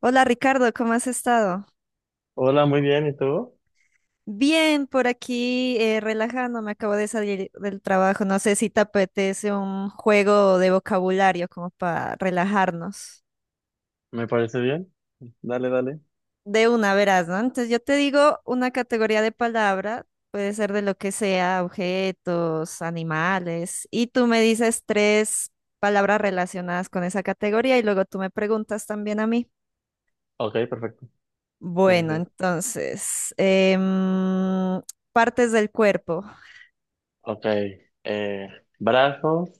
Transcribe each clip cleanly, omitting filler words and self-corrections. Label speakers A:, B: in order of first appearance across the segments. A: Hola Ricardo, ¿cómo has estado?
B: Hola, muy bien, ¿y tú?
A: Bien, por aquí relajándome, acabo de salir del trabajo. No sé si te apetece un juego de vocabulario como para relajarnos.
B: ¿Me parece bien? Dale, dale.
A: De una, verás, ¿no? Entonces yo te digo una categoría de palabra, puede ser de lo que sea, objetos, animales, y tú me dices tres palabras relacionadas con esa categoría y luego tú me preguntas también a mí.
B: Ok, perfecto. Sí, sí,
A: Bueno,
B: sí.
A: entonces, partes del cuerpo.
B: Ok. eh, Brazos,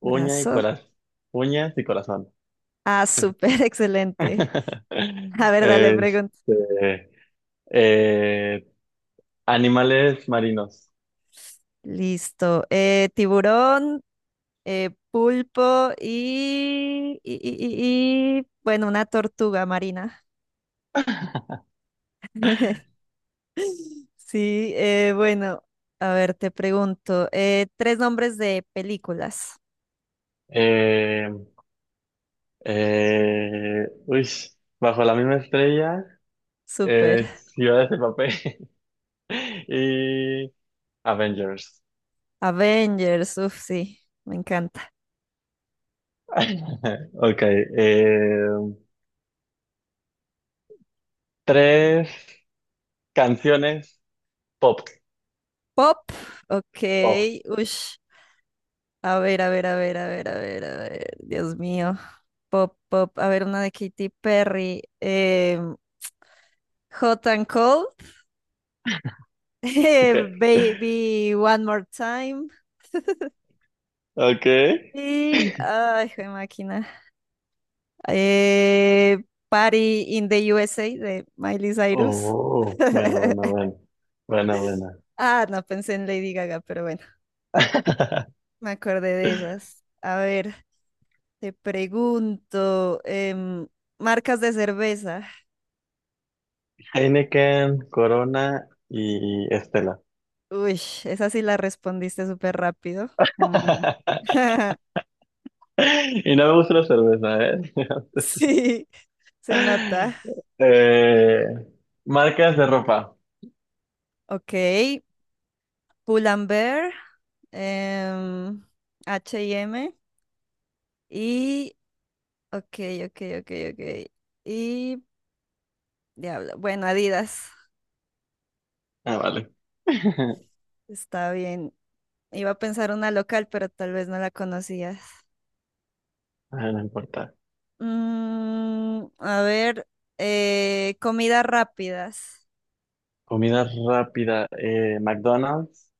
B: uña y
A: Brazo.
B: corazón. Uñas y corazón.
A: Ah, súper excelente. A ver, dale, pregunta.
B: Este, eh, animales marinos.
A: Listo. Tiburón, pulpo y bueno, una tortuga marina. Sí, bueno, a ver, te pregunto. Tres nombres de películas.
B: Eh, eh, uy, Bajo la misma estrella,
A: Súper.
B: ciudades de papel y Avengers.
A: Avengers, uff, sí, me encanta.
B: Ok. Eh, tres. Canciones pop,
A: Pop, ok,
B: pop.
A: uff. A ver, a ver, a ver, a ver, a ver, a ver. Dios mío. Pop, pop. A ver, una de Katy Perry. Hot and Cold.
B: Okay.
A: Baby One More Time.
B: Okay.
A: Y. Ay, jue máquina. Eh, Party in the USA de Miley Cyrus.
B: Oh, bueno, bueno, bueno. Bueno, bueno.
A: Ah, no pensé en Lady Gaga, pero bueno, me acordé de esas. A ver, te pregunto, marcas de cerveza.
B: Heineken, Corona y Estela.
A: Uy, esa sí la respondiste súper rápido. Ah.
B: Y no me gusta la cerveza,
A: Sí, se nota.
B: ¿eh? Eh, marcas de ropa.
A: Ok, Pull&Bear, em, H&M y... M y, ok, ok. Y... Diablo. Bueno, Adidas.
B: Ah, vale.
A: Está bien. Iba a pensar una local, pero tal vez no la conocías.
B: Ah, no importa.
A: Mm, a ver, comidas rápidas.
B: Comida rápida. McDonald's.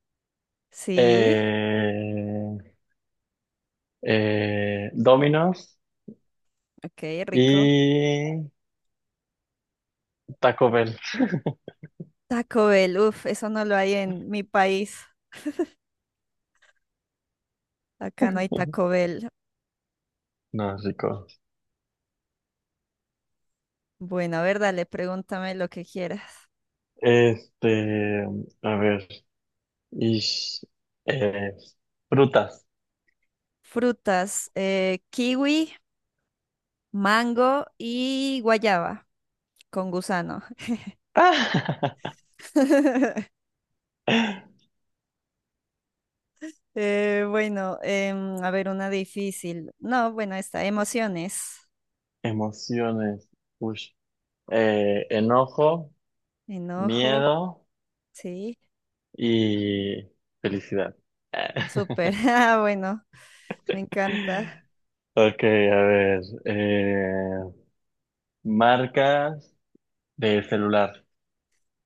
A: Sí,
B: eh, Domino's.
A: ok, rico.
B: Y Taco Bell.
A: Taco Bell, uff, eso no lo hay en mi país. Acá no hay Taco Bell.
B: No, rico.
A: Bueno, a ver, dale, pregúntame lo que quieras.
B: Este, a ver. Y eh, frutas.
A: Frutas, kiwi, mango y guayaba con gusano. Bueno, a ver, una difícil. No, bueno, está, emociones.
B: Emociones. Ush. Enojo,
A: Enojo,
B: miedo
A: sí,
B: y felicidad.
A: súper. Ah, bueno, me encanta.
B: Ok, a ver. Marcas de celular.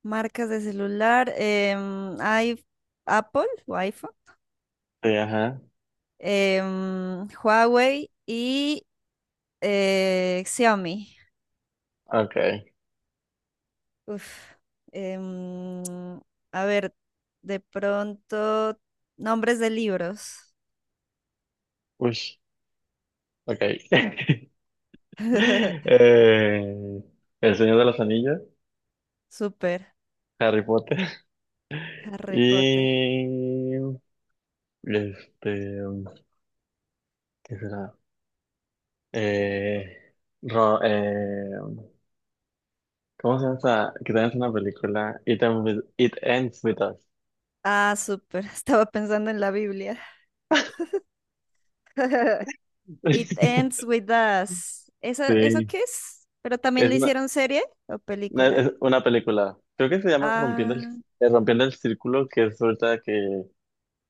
A: Marcas de celular, hay Apple o iPhone.
B: Sí, ajá.
A: Huawei y Xiaomi.
B: Ok.
A: Uf, em, a ver, de pronto, nombres de libros.
B: Ush. Ok. Eh, El Señor de los Anillos,
A: Súper.
B: Harry Potter
A: Harry Potter.
B: y este, ¿qué será? Eh, Ro- eh, ¿Cómo se llama esa? Que también es una película. It Ends With Us.
A: Ah, súper. Estaba pensando en la Biblia. It Ends With Us. ¿Eso, eso
B: Sí,
A: qué es? ¿Pero también
B: es
A: le
B: una,
A: hicieron serie o película?
B: es una película. Creo que se llama
A: Ah,
B: Rompiendo el Círculo, que es ahorita que,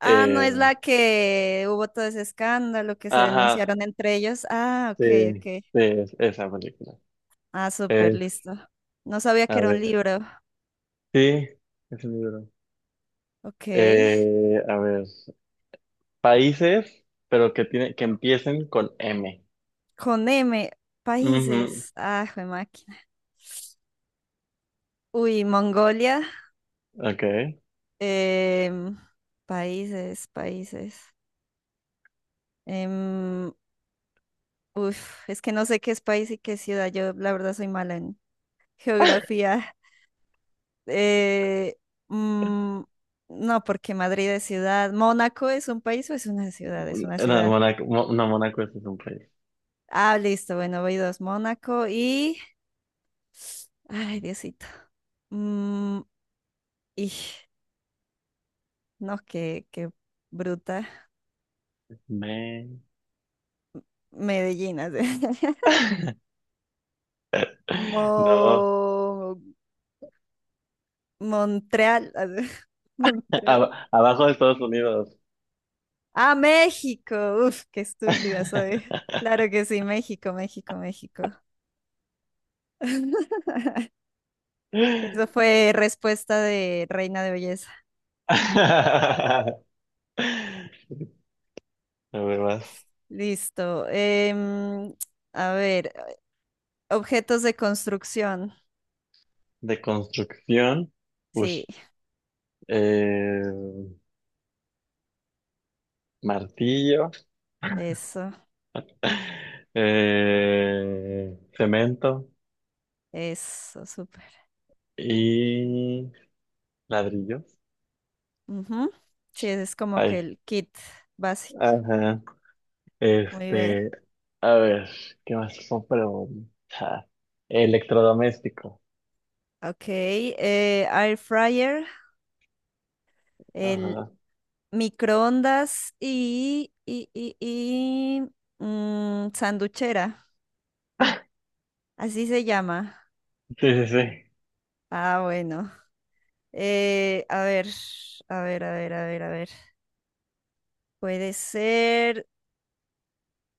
A: ah, no
B: eh,
A: es la que hubo todo ese escándalo que se
B: ajá,
A: denunciaron entre ellos. Ah, ok,
B: sí,
A: ok.
B: sí, es esa película.
A: Ah, súper,
B: Es,
A: listo. No sabía que
B: a
A: era un
B: ver,
A: libro.
B: sí, es un libro.
A: Ok.
B: A ver, países, pero que tiene, que empiecen con M.
A: Con M,
B: Ujú,
A: países. Ah, jue máquina. Uy, Mongolia.
B: ok.
A: Em, países, países. Em, uf, es que no sé qué es país y qué es ciudad. Yo, la verdad, soy mala en geografía. Eh, mm, no, porque Madrid es ciudad. ¿Mónaco es un país o es una ciudad? Es una
B: Una,
A: ciudad.
B: Mónaco, Mo- no, Mónaco ese es un país.
A: Ah, listo. Bueno, voy dos. Mónaco y. Ay, Diosito. Mm, y no, qué bruta.
B: Me...
A: Medellín, así.
B: No,
A: Mo- Montreal, así. Montreal.
B: Abajo de Estados Unidos.
A: Ah, México. Uf, qué estúpida soy. Claro que sí, México, México, México. Eso fue respuesta de Reina de Belleza.
B: A ver, vas.
A: Listo. Em, a ver, objetos de construcción.
B: De construcción.
A: Sí,
B: Ush. Eh, martillo.
A: eso,
B: Cemento.
A: eso, súper.
B: Y ladrillos.
A: Ujú. Sí, ese es como que
B: Ay.
A: el kit básico.
B: Ajá.
A: Muy bien.
B: Este, a ver, ¿qué más son preguntas? Electrodoméstico.
A: Ok, air fryer, el
B: Ajá.
A: microondas y mm, sanduchera. Así se llama.
B: Sí, sí, sí.
A: Ah, bueno. A ver, a ver, a ver, a ver, a ver. Puede ser.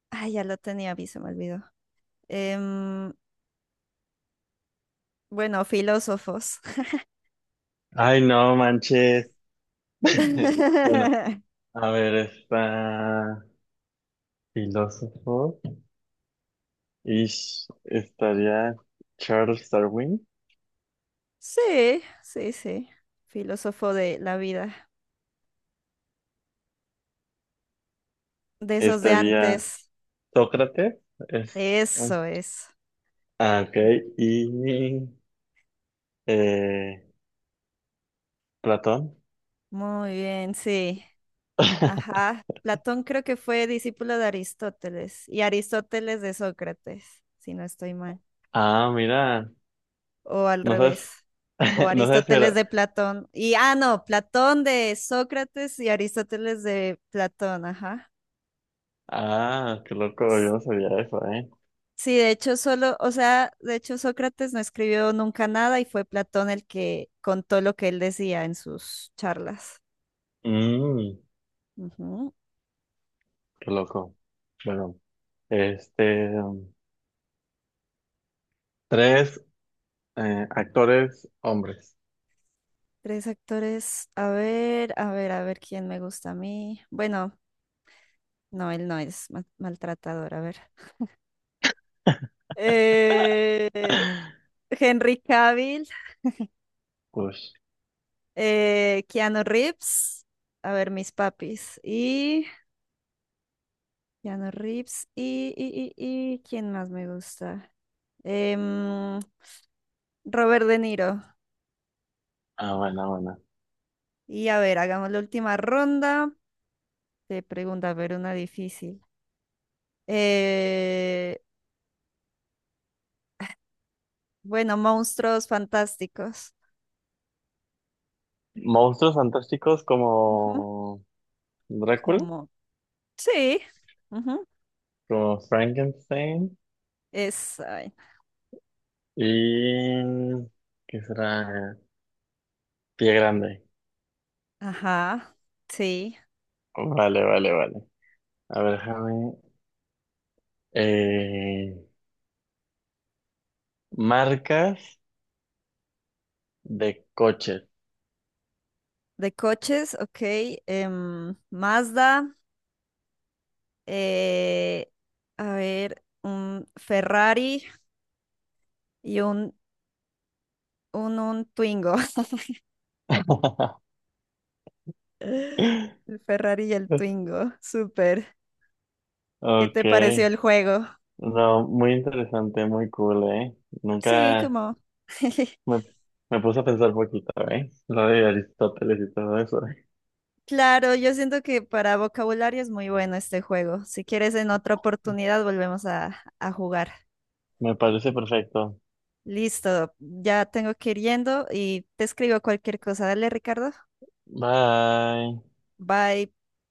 A: Ay, ya lo tenía, a se me olvidó. Em, bueno, filósofos.
B: Ay, no manches. Bueno, a ver, está filósofo. Y estaría Charles Darwin.
A: Sí, sí, sí. Filósofo de la vida, de esos de
B: Estaría
A: antes.
B: Sócrates. Es...
A: Eso es.
B: Ah, ok. Y eh, Platón.
A: Muy bien, sí. Ajá. Platón creo que fue discípulo de Aristóteles y Aristóteles de Sócrates, si no estoy mal.
B: Ah, mira.
A: O al
B: ¿No sabes?
A: revés. O
B: No sé si
A: Aristóteles
B: era.
A: de Platón. Y, ah, no, Platón de Sócrates y Aristóteles de Platón, ajá.
B: Ah, qué loco, yo no sabía eso, ¿eh?
A: Sí, de hecho solo, o sea, de hecho Sócrates no escribió nunca nada y fue Platón el que contó lo que él decía en sus charlas.
B: Mm,
A: Ujú.
B: qué loco. Bueno, este. um, tres actores hombres.
A: Tres actores, a ver, a ver, a ver quién me gusta a mí. Bueno, no, él no es ma- maltratador, a ver. Eh, Henry Cavill,
B: Ush.
A: Keanu Reeves, a ver, mis papis, y Keanu Reeves, y ¿quién más me gusta? Em, Robert De Niro.
B: Ah, buena, buena.
A: Y a ver, hagamos la última ronda. De preguntas a ver, una difícil. Eh, bueno, monstruos fantásticos.
B: Monstruos fantásticos
A: Ujú.
B: como Drácula,
A: Como, sí. Ujú.
B: como Frankenstein
A: Es, ay,
B: y... ¿Qué será? Pie Grande.
A: ajá, sí.
B: Vale, vale, vale. A ver, déjame. eh, marcas de coches.
A: De coches, ok. Mazda, eh, a ver, un Ferrari y un Twingo. El Ferrari y el Twingo, súper. ¿Qué
B: Ok,
A: te pareció el juego?
B: no, muy interesante, muy cool, ¿eh?
A: Sí,
B: Nunca
A: como.
B: me, me puse a pensar poquito, ¿eh? Lo de Aristóteles y todo eso.
A: Claro, yo siento que para vocabulario es muy bueno este juego. Si quieres, en otra oportunidad volvemos a jugar.
B: Me parece perfecto.
A: Listo, ya tengo que ir yendo y te escribo cualquier cosa. Dale, Ricardo.
B: Bye.
A: Bye.